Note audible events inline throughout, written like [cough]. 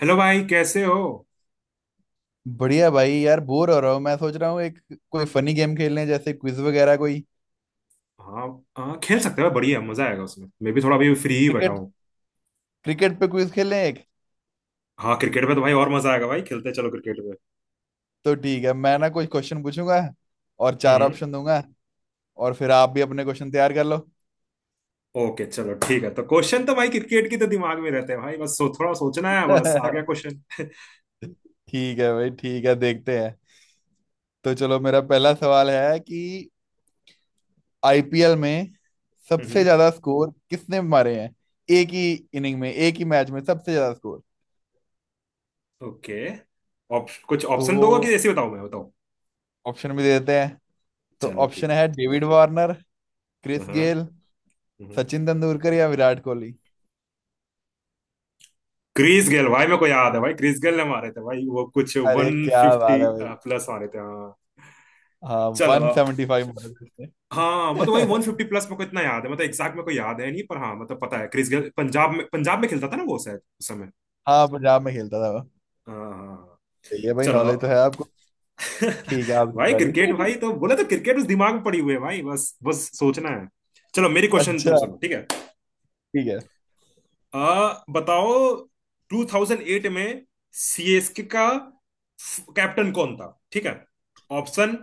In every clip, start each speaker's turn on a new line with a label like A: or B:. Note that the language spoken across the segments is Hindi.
A: हेलो भाई, कैसे हो?
B: बढ़िया भाई यार, बोर हो रहा हूँ। मैं सोच रहा हूँ एक कोई फनी गेम खेल लें, जैसे क्विज वगैरह कोई।
A: हाँ, हाँ, खेल सकते हो। बढ़िया मजा आएगा उसमें। मैं भी थोड़ा अभी फ्री ही बैठा
B: क्रिकेट
A: हूँ।
B: क्रिकेट पे क्विज खेलें एक।
A: हाँ, क्रिकेट पे तो भाई और मजा आएगा। भाई खेलते हैं, चलो क्रिकेट पे।
B: तो ठीक है, मैं ना कुछ क्वेश्चन पूछूंगा और चार
A: हम्म।
B: ऑप्शन दूंगा। और फिर आप भी अपने क्वेश्चन तैयार कर लो।
A: ओके, चलो ठीक है। तो क्वेश्चन तो भाई क्रिकेट की तो दिमाग में रहते हैं भाई। बस सो, थोड़ा सोचना है। बस आ गया
B: [laughs]
A: क्वेश्चन। [laughs]
B: ठीक है भाई, ठीक है, देखते हैं। तो चलो, मेरा पहला सवाल है कि आईपीएल में सबसे
A: हम्म।
B: ज्यादा स्कोर किसने मारे हैं? एक ही इनिंग में, एक ही मैच में सबसे ज्यादा स्कोर।
A: ओके, कुछ
B: तो
A: ऑप्शन
B: वो
A: दोगे कि ऐसे ही बताऊं, मैं बताऊं?
B: ऑप्शन भी दे देते हैं। तो
A: चलो
B: ऑप्शन
A: ठीक है।
B: है डेविड वार्नर,
A: हाँ,
B: क्रिस
A: हाँ,
B: गेल,
A: हम्म।
B: सचिन तेंदुलकर या विराट कोहली।
A: क्रिस गेल भाई, मेरे को याद है भाई। क्रिस गेल ने मारे थे भाई, वो कुछ
B: अरे
A: वन
B: क्या बात
A: फिफ्टी
B: है भाई।
A: प्लस मारे थे, हाँ।
B: हाँ,
A: चलो।
B: 175 मारे थे
A: हाँ, मतलब वही वन
B: उसने। [laughs]
A: फिफ्टी प्लस मेरे को इतना याद है। मतलब एग्जैक्ट मेरे को याद है नहीं, पर हाँ, मतलब पता है। क्रिस गेल पंजाब में खेलता था ना वो, शायद उस समय।
B: हाँ, पंजाब में खेलता था वो।
A: हाँ, हाँ, हाँ।
B: सही है भाई,
A: चलो।
B: नॉलेज तो है आपको।
A: [laughs]
B: ठीक है, आपकी
A: भाई क्रिकेट, भाई
B: बारी।
A: तो
B: [laughs]
A: बोले तो क्रिकेट उस दिमाग में पड़ी हुई है भाई। बस बस सोचना है। चलो, मेरी क्वेश्चन
B: अच्छा,
A: तुम सुनो, ठीक है।
B: ठीक है।
A: बताओ। 2008 में सीएसके का कैप्टन कौन था, ठीक है? ऑप्शन: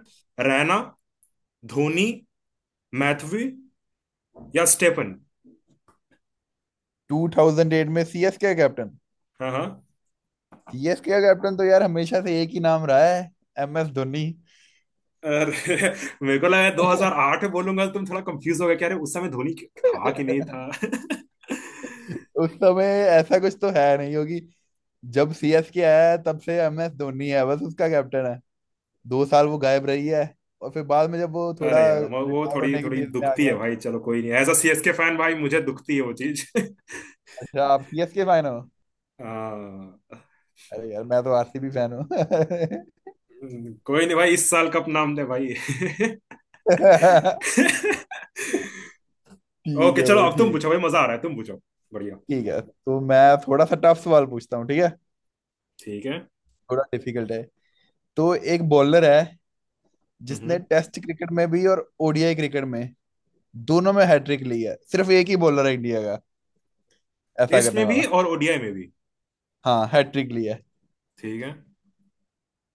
A: रैना, धोनी, मैथ्यू या स्टेफन।
B: 2008 में सीएसके का कैप्टन।
A: हाँ, हाँ।
B: सीएसके का कैप्टन तो यार हमेशा से एक ही नाम रहा है, एम एस धोनी।
A: अरे [laughs] मेरे को लगा 2008 में बोलूंगा तो तुम थोड़ा कंफ्यूज हो गए कि अरे उस समय धोनी था कि नहीं था। [laughs]
B: उस समय ऐसा कुछ तो है नहीं होगी। जब सीएसके आया है तब से एम एस धोनी है, बस उसका कैप्टन है। 2 साल वो गायब रही है, और फिर बाद में जब वो थोड़ा
A: अरे यार, वो
B: रिटायर
A: थोड़ी
B: होने की
A: थोड़ी
B: फेज में आ
A: दुखती है
B: गया।
A: भाई। चलो कोई नहीं, एज अ सीएसके फैन भाई मुझे दुखती है वो चीज। [laughs]
B: अच्छा, आप सीएसके फैन हो।
A: हाँ।
B: अरे यार, मैं तो आरसीबी फैन हूँ। [laughs]
A: कोई नहीं भाई, इस साल कप नाम दे भाई। [laughs]
B: ठीक
A: ओके,
B: है
A: चलो
B: भाई,
A: अब तुम
B: ठीक।
A: पूछो भाई, मजा आ रहा है। तुम पूछो। बढ़िया।
B: ठीक है, तो मैं थोड़ा सा टफ सवाल पूछता हूँ, ठीक है।
A: ठीक है।
B: थोड़ा डिफिकल्ट है। तो एक बॉलर है जिसने
A: हम्म।
B: टेस्ट क्रिकेट में भी और ओडीआई क्रिकेट में, दोनों में हैट्रिक ली है। सिर्फ एक ही बॉलर है इंडिया का ऐसा
A: टेस्ट
B: करने
A: में भी
B: वाला।
A: और ओडीआई में भी?
B: हाँ, हैट्रिक ली है।
A: ठीक है।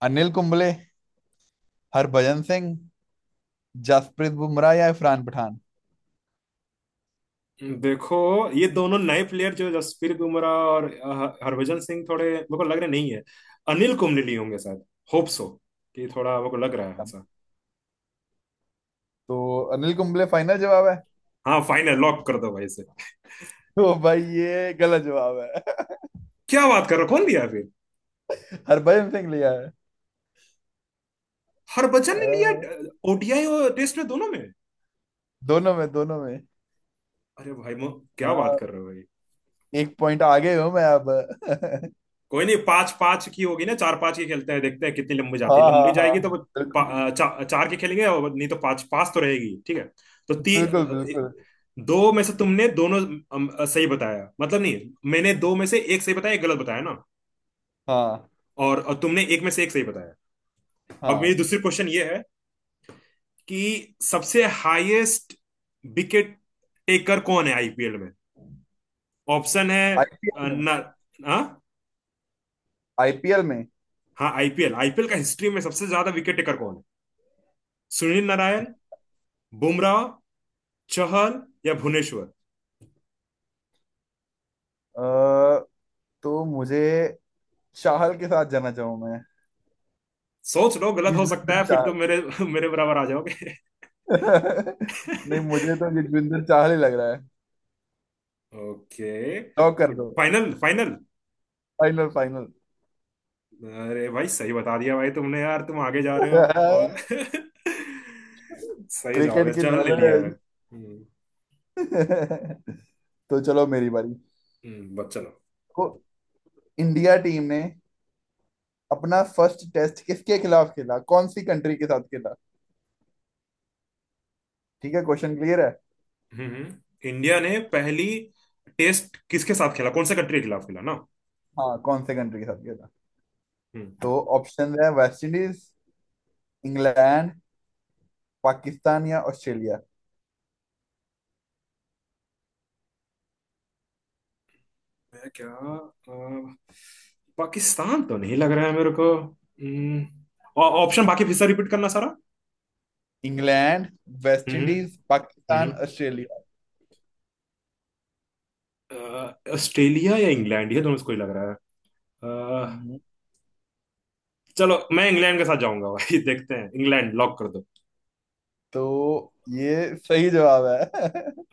B: अनिल कुंबले, हरभजन सिंह, जसप्रीत बुमराह या इरफान पठान।
A: देखो, ये दोनों नए प्लेयर जो जसप्रीत बुमराह और हरभजन सिंह, थोड़े मेरे को लग रहे नहीं है। अनिल कुंबले लिए होंगे शायद। Hope so. कि थोड़ा मेरे को लग रहा है ऐसा।
B: तो अनिल कुंबले फाइनल जवाब है।
A: हाँ, फाइनल लॉक कर दो भाई इसे।
B: तो भाई, ये गलत जवाब है।
A: क्या बात कर रहे हो? कौन लिया फिर?
B: [laughs] हरभजन सिंह लिया है।
A: हरभजन ने लिया?
B: अ,
A: ओडीआई और टेस्ट में, दोनों में?
B: दोनों में, दोनों में।
A: अरे भाई मो क्या बात
B: हाँ,
A: कर रहे हो भाई?
B: एक पॉइंट आगे हूं मैं अब। [laughs]
A: कोई नहीं, पांच पांच की होगी ना, चार पांच की खेलते हैं, देखते हैं कितनी लंबी
B: हाँ
A: जाती है।
B: हाँ
A: लंबी
B: हाँ,
A: जाएगी तो वो
B: बिल्कुल
A: चार की खेलेंगे, और नहीं तो पांच पांच तो रहेगी, ठीक है। तो ती
B: बिल्कुल बिल्कुल।
A: दो में से तुमने दोनों सही बताया, मतलब नहीं, मैंने दो में से एक सही बताया, एक गलत बताया ना।
B: हाँ
A: और तुमने एक में से एक सही बताया। अब मेरी
B: हाँ,
A: दूसरी क्वेश्चन ये है कि सबसे हाईएस्ट विकेट टेकर कौन है आईपीएल में? ऑप्शन है
B: आईपीएल में।
A: ना। हाँ,
B: आईपीएल में
A: हाँ, आईपीएल आईपीएल का हिस्ट्री में सबसे ज्यादा विकेट टेकर कौन है? सुनील नारायण, बुमराह, चहल या भुवनेश्वर।
B: अ, तो मुझे चाहल के साथ जाना चाहूँ मैं।
A: सोच लो, गलत हो सकता है,
B: युजवेंद्र
A: फिर
B: चाहल।
A: तुम मेरे [laughs] मेरे बराबर आ जाओगे।
B: [laughs] नहीं, मुझे तो युजवेंद्र चाहल ही लग रहा है।
A: ओके।
B: लॉक कर दो।
A: Final, final.
B: Final final.
A: अरे भाई सही बता दिया भाई तुमने, यार तुम आगे जा रहे
B: [laughs]
A: हो। और [laughs] सही जवाब
B: क्रिकेट
A: है,
B: की
A: चहल ने लिया है।
B: नॉलेज।
A: हम्म।
B: [laughs] तो चलो, मेरी बारी।
A: बस चलो।
B: तो इंडिया टीम ने अपना फर्स्ट टेस्ट किसके खिलाफ खेला, कौन सी कंट्री के साथ खेला? ठीक है, क्वेश्चन क्लियर है।
A: हम्म। इंडिया ने पहली टेस्ट किसके साथ खेला, कौन सा कंट्री के खिलाफ खेला ना?
B: हाँ, कौन से कंट्री के साथ खेला।
A: हम्म।
B: तो ऑप्शन है वेस्ट इंडीज, इंग्लैंड, पाकिस्तान या ऑस्ट्रेलिया।
A: मैं क्या अ, पाकिस्तान तो नहीं लग रहा है मेरे को। हम्म। ऑप्शन बाकी फिर से रिपीट करना सारा।
B: इंग्लैंड, वेस्ट
A: हम्म,
B: इंडीज,
A: हम्म।
B: पाकिस्तान, ऑस्ट्रेलिया।
A: ऑस्ट्रेलिया या इंग्लैंड, ये दोनों से कोई लग रहा है। अ,
B: हम्म,
A: चलो मैं इंग्लैंड के साथ जाऊंगा भाई, [laughs] देखते हैं, इंग्लैंड लॉक कर।
B: तो ये सही जवाब है।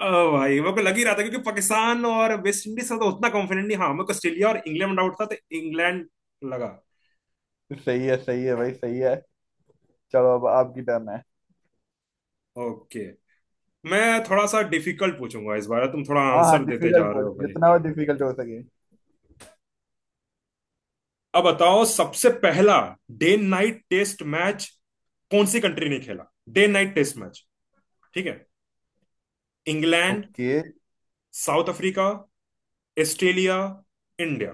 A: ओ भाई, मेरे को लग ही रहा था, क्योंकि पाकिस्तान और वेस्ट इंडीज का तो उतना कॉन्फिडेंट नहीं। हाँ, मेरे को ऑस्ट्रेलिया और इंग्लैंड आउट था, तो इंग्लैंड लगा।
B: [laughs] सही है, सही है भाई, सही है। चलो, अब आपकी टर्न है।
A: ओके। मैं थोड़ा सा डिफिकल्ट पूछूंगा इस बार, तुम थोड़ा
B: हाँ हाँ,
A: आंसर देते जा
B: डिफिकल्ट
A: रहे हो
B: पूछो,
A: भाई।
B: जितना और डिफिकल्ट हो सके।
A: अब बताओ, सबसे पहला डे नाइट टेस्ट मैच कौन सी कंट्री ने खेला? डे नाइट टेस्ट मैच, ठीक है। England,
B: okay,
A: South Africa, Australia, India.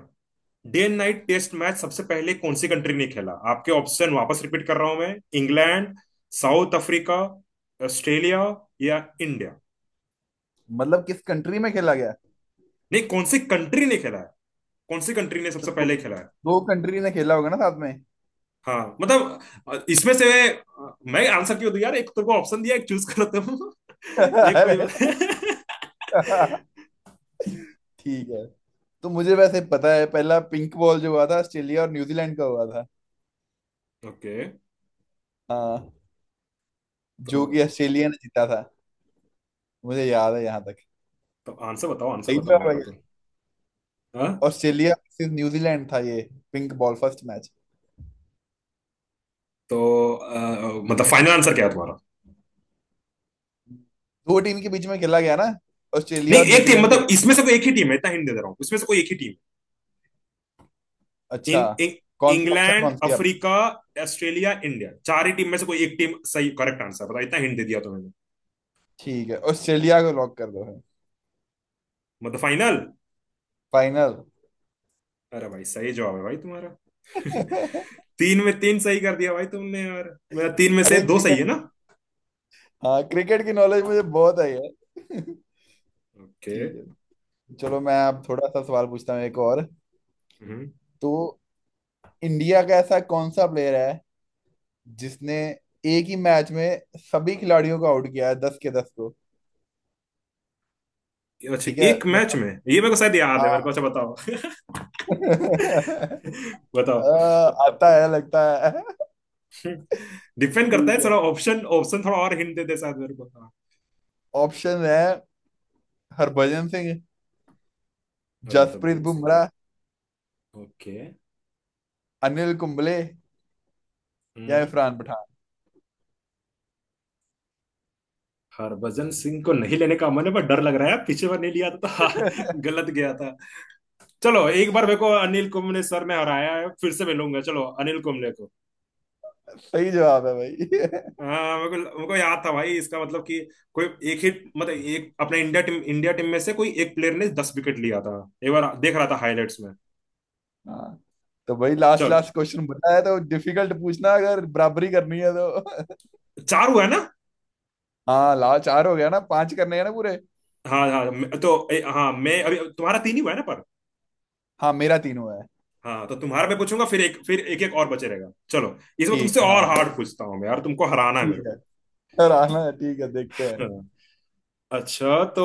A: Day and night test match सबसे पहले कौन सी कंट्री ने खेला, आपके ऑप्शन वापस रिपीट कर रहा हूं मैं: इंग्लैंड, साउथ अफ्रीका, ऑस्ट्रेलिया या इंडिया।
B: मतलब किस कंट्री में खेला गया।
A: नहीं, कौन सी कंट्री ने खेला है, कौन सी कंट्री ने
B: तो
A: सबसे
B: दो,
A: पहले खेला है?
B: दो कंट्री ने खेला होगा ना साथ में।
A: हाँ मतलब, इसमें से मैं आंसर क्यों दूं यार, एक तो को ऑप्शन दिया, एक चूज करो तुम।
B: [laughs]
A: [laughs] एक कोई
B: अरे
A: बात।
B: [laughs] ठीक है। तो मुझे वैसे पता है पहला पिंक बॉल जो हुआ था ऑस्ट्रेलिया और न्यूजीलैंड का हुआ था।
A: [laughs] ओके।
B: हाँ,
A: तो
B: जो कि ऑस्ट्रेलिया ने जीता था। मुझे याद है यहाँ तक।
A: तो आंसर बताओ, आंसर
B: सही
A: बताओ
B: जवाब
A: मेरे
B: है
A: को तो।
B: ये।
A: हाँ।
B: ऑस्ट्रेलिया versus न्यूजीलैंड था ये, पिंक बॉल फर्स्ट मैच।
A: तो मतलब फाइनल आंसर क्या है तुम्हारा?
B: दो टीम के बीच में खेला गया ना, ऑस्ट्रेलिया
A: नहीं,
B: और
A: एक टीम
B: न्यूजीलैंड के
A: मतलब
B: बीच।
A: इसमें से कोई एक ही टीम है, इतना हिंट दे दे रहा हूँ, इसमें से कोई एक ही टीम। इन
B: अच्छा,
A: इ-
B: कौन सी ऑप्शन,
A: इंग्लैंड,
B: कौन सी आप।
A: अफ्रीका, ऑस्ट्रेलिया, इंडिया, चार ही टीम में से कोई एक टीम, सही करेक्ट आंसर बताओ, इतना हिंट दे दिया तुम्हें।
B: ठीक है, ऑस्ट्रेलिया को लॉक कर दो।
A: मतलब फाइनल?
B: फाइनल।
A: अरे भाई, सही जवाब है भाई तुम्हारा। [laughs]
B: [laughs]
A: तीन में तीन सही कर दिया भाई तुमने यार, मेरा तीन में से
B: अरे
A: दो सही
B: क्रिकेट,
A: है ना।
B: हाँ, क्रिकेट की नॉलेज मुझे बहुत है यार। [laughs]
A: ओके।
B: ठीक है। चलो, मैं अब थोड़ा सा सवाल पूछता हूँ एक और।
A: हम्म।
B: तो इंडिया का ऐसा कौन सा प्लेयर है जिसने एक ही मैच में सभी खिलाड़ियों को आउट किया है, दस के दस को।
A: अच्छा,
B: ठीक है,
A: एक मैच में,
B: मतलब
A: ये मेरे को शायद याद है। मेरे को
B: हाँ।
A: अच्छा, बताओ।
B: [laughs] अ,
A: [laughs] बताओ।
B: आता है लगता है।
A: [laughs] डिपेंड करता
B: ठीक
A: है
B: है,
A: थोड़ा। ऑप्शन ऑप्शन थोड़ा और हिंट दे दे शायद मेरे को, हाँ।
B: ऑप्शन है हरभजन सिंह,
A: अरे,
B: जसप्रीत
A: हरभजन सिंह?
B: बुमराह,
A: ओके।
B: अनिल कुंबले या इरफान पठान।
A: हरभजन सिंह को नहीं लेने का मन है, पर डर लग रहा है, पीछे बार नहीं लिया था तो [laughs] गलत गया था। चलो, एक बार मेरे को अनिल कुंबले सर ने हराया है, फिर से मिलूंगा, चलो अनिल कुंबले को।
B: सही जवाब है भाई।
A: हाँ, मेरे को याद था भाई, इसका मतलब कि कोई एक ही, मतलब एक अपने इंडिया टीम, इंडिया टीम में से कोई एक प्लेयर ने 10 विकेट लिया था। एक बार देख रहा था हाईलाइट्स में।
B: [laughs] हाँ। तो भाई, लास्ट
A: चलो।
B: लास्ट क्वेश्चन बताया, तो डिफिकल्ट पूछना अगर बराबरी करनी है तो।
A: चार हुआ है ना?
B: [laughs] हाँ, लास्ट चार हो गया ना, पांच करने हैं ना पूरे।
A: हाँ, हाँ, हाँ मैं अभी तुम्हारा तीन ही हुआ है ना, पर।
B: हाँ, मेरा तीन हुआ है।
A: हाँ तो तुम्हारा मैं पूछूंगा, फिर एक, फिर एक, एक और बचे रहेगा। चलो, इसमें
B: ठीक
A: तुमसे
B: है,
A: और
B: हाँ,
A: हार्ड पूछता हूँ मैं यार, तुमको हराना है मेरे
B: ठीक है,
A: को।
B: सर आना है। ठीक है, देखते
A: अच्छा।
B: हैं।
A: अच्छा, तो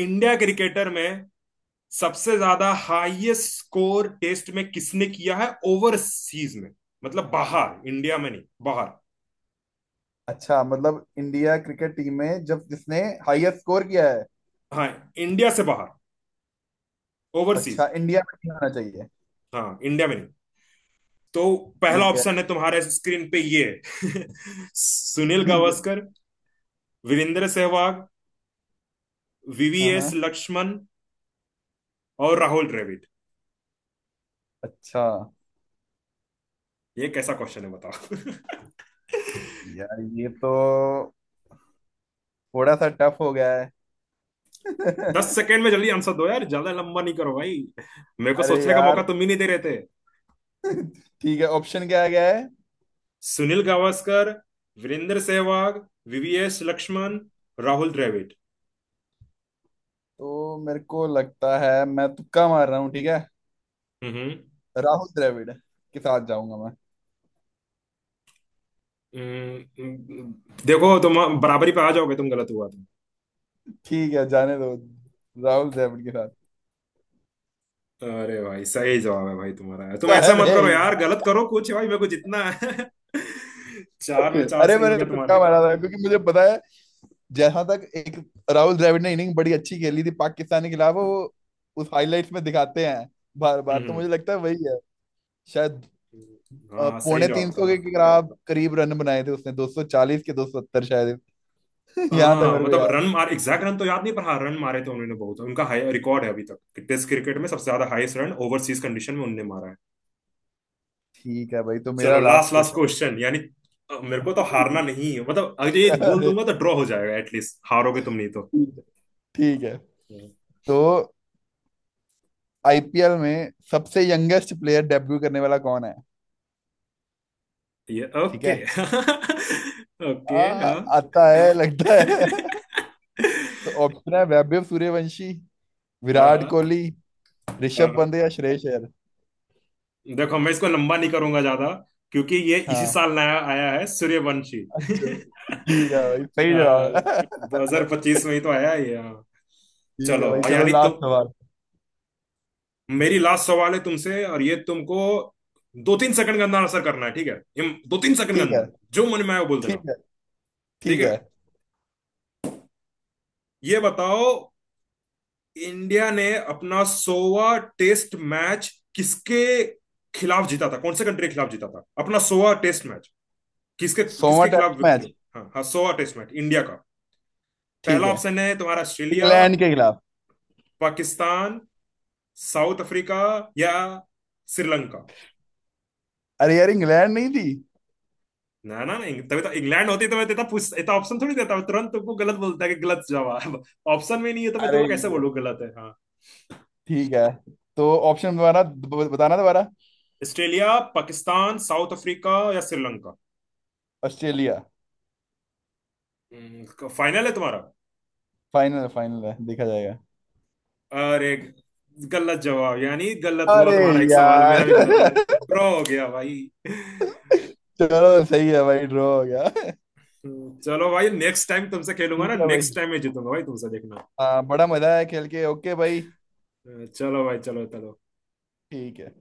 A: इंडिया क्रिकेटर में सबसे ज्यादा हाईएस्ट स्कोर टेस्ट में किसने किया है ओवरसीज में? मतलब बाहर, इंडिया में नहीं, बाहर।
B: अच्छा, मतलब इंडिया क्रिकेट टीम में जब जिसने हाईएस्ट स्कोर किया है।
A: हाँ, इंडिया से बाहर, ओवरसीज।
B: अच्छा, इंडिया में नहीं आना चाहिए।
A: हाँ, इंडिया में नहीं। तो पहला
B: ठीक है,
A: ऑप्शन है तुम्हारे स्क्रीन पे ये है। [laughs] सुनील
B: ठीक है।
A: गावस्कर, वीरेंद्र सहवाग,
B: हाँ
A: वीवीएस
B: हाँ।
A: लक्ष्मण और राहुल द्रविड़।
B: अच्छा
A: ये कैसा क्वेश्चन है बताओ?
B: यार, ये तो थोड़ा सा टफ हो गया है।
A: [laughs] दस
B: [laughs]
A: सेकेंड में जल्दी आंसर दो यार, ज्यादा लंबा नहीं करो भाई। मेरे को
B: अरे
A: सोचने का मौका
B: यार,
A: तुम ही नहीं दे रहे थे।
B: ठीक है। ऑप्शन क्या आ गया है।
A: सुनील गावस्कर, वीरेंद्र सहवाग, वीवीएस लक्ष्मण, राहुल द्रविड़।
B: तो मेरे को लगता है मैं तुक्का मार रहा हूँ, ठीक है।
A: हम्म।
B: राहुल द्रविड़ के साथ जाऊंगा मैं।
A: हम्म, देखो तुम बराबरी पे आ जाओगे, तुम गलत हुआ तुम।
B: ठीक है, जाने दो, राहुल द्रविड़ के साथ।
A: अरे भाई, सही जवाब है भाई तुम्हारा,
B: [laughs]
A: तुम ऐसा मत
B: अरे
A: करो यार, गलत करो कुछ भाई, मेरे को जितना है। [laughs] चार में
B: यार,
A: चार
B: अरे
A: सही हो
B: मैंने
A: गया
B: तुक्का
A: तुम्हारा।
B: मारा था क्योंकि मुझे पता है जहां तक एक, राहुल द्रविड़ ने इनिंग बड़ी अच्छी खेली थी पाकिस्तान के खिलाफ वो। उस हाइलाइट्स में दिखाते हैं बार बार, तो
A: हम्म।
B: मुझे लगता है वही है शायद।
A: हाँ, हाँ, सही
B: पौने तीन
A: जवाब था।
B: सौ के खिलाफ करीब रन बनाए थे उसने, 240 के, 270 शायद। [laughs] यहाँ तक
A: हाँ
B: मेरे को
A: मतलब
B: याद।
A: रन मार एग्जैक्ट रन तो याद नहीं, पर हाँ, रन मारे थे उन्होंने बहुत, उनका हाई रिकॉर्ड है अभी तक। टेस्ट क्रिकेट में सबसे ज्यादा हाईएस्ट रन ओवरसीज कंडीशन में उनने मारा है।
B: ठीक है भाई, तो मेरा
A: चलो, last
B: last
A: last
B: question.
A: Question यानी, मेरे को तो हारना नहीं है, मतलब अगर ये
B: [laughs]
A: बोल
B: अरे,
A: दूंगा तो ड्रॉ हो जाएगा एटलीस्ट, हारोगे तुम नहीं तो।
B: ठीक है, ठीक है।
A: हम्म।
B: तो आईपीएल में सबसे यंगेस्ट प्लेयर डेब्यू करने वाला कौन है?
A: ये
B: ठीक
A: ओके,
B: है,
A: [laughs] ओके। हाँ,
B: आता है लगता है। [laughs] तो ऑप्शन है वैभव सूर्यवंशी,
A: हाँ।
B: विराट
A: हाँ,
B: कोहली,
A: हाँ।
B: ऋषभ पंत
A: हाँ।
B: या श्रेयस अय्यर।
A: देखो, मैं इसको लंबा नहीं करूंगा ज्यादा, क्योंकि ये इसी
B: हाँ,
A: साल नया आया है सूर्यवंशी,
B: अच्छा, ठीक है भाई,
A: [laughs]
B: सही जवाब है। [laughs]
A: 2025 में ही तो आया है ये, हाँ।
B: ठीक
A: चलो
B: है भाई, चलो
A: यानी
B: लास्ट
A: तुम,
B: सवाल।
A: मेरी लास्ट सवाल है तुमसे, और ये तुमको दो तीन सेकंड के अंदर आंसर करना है, ठीक है? ये दो तीन सेकंड के
B: ठीक है,
A: अंदर जो मन में आए वो बोल देना।
B: ठीक है,
A: ठीक
B: ठीक
A: है,
B: है।
A: ये बताओ, इंडिया ने अपना सोवा टेस्ट मैच किसके खिलाफ जीता था, कौन से कंट्री के खिलाफ जीता था अपना सोवा टेस्ट मैच, किसके,
B: सोमा
A: किसके खिलाफ
B: टेस्ट
A: विक्ट्री?
B: मैच,
A: हाँ, हाँ, सोवा टेस्ट मैच इंडिया का।
B: ठीक
A: पहला
B: है,
A: ऑप्शन है तुम्हारा: ऑस्ट्रेलिया,
B: इंग्लैंड के खिलाफ।
A: पाकिस्तान, साउथ अफ्रीका या श्रीलंका।
B: अरे यार, इंग्लैंड नहीं थी।
A: ना, ना, ना, तभी तो इंग्लैंड होती तो मैं तेता पूछ इतना ऑप्शन थोड़ी देता, मैं तुरंत तुमको गलत बोलता कि गलत जवाब ऑप्शन में नहीं है, तो मैं
B: अरे
A: तुमको कैसे
B: ये,
A: बोलूँ गलत है? हाँ।
B: ठीक है। तो ऑप्शन दोबारा बताना दोबारा।
A: ऑस्ट्रेलिया, पाकिस्तान, साउथ अफ्रीका या श्रीलंका?
B: ऑस्ट्रेलिया।
A: फाइनल है तुम्हारा?
B: फाइनल है, फाइनल है, देखा जाएगा।
A: अरे, गलत जवाब यानी गलत हुआ
B: अरे
A: तुम्हारा, एक सवाल मेरा
B: यार
A: भी गलत हुआ।
B: [laughs]
A: ड्रॉ हो गया भाई।
B: चलो, सही है भाई, ड्रॉ हो गया।
A: चलो भाई, नेक्स्ट टाइम तुमसे खेलूंगा ना,
B: ठीक है
A: नेक्स्ट
B: भाई,
A: टाइम मैं जीतूंगा भाई तुमसे, देखना।
B: हाँ, बड़ा मजा आया खेल के। ओके भाई,
A: चलो भाई, चलो, चलो।
B: ठीक है।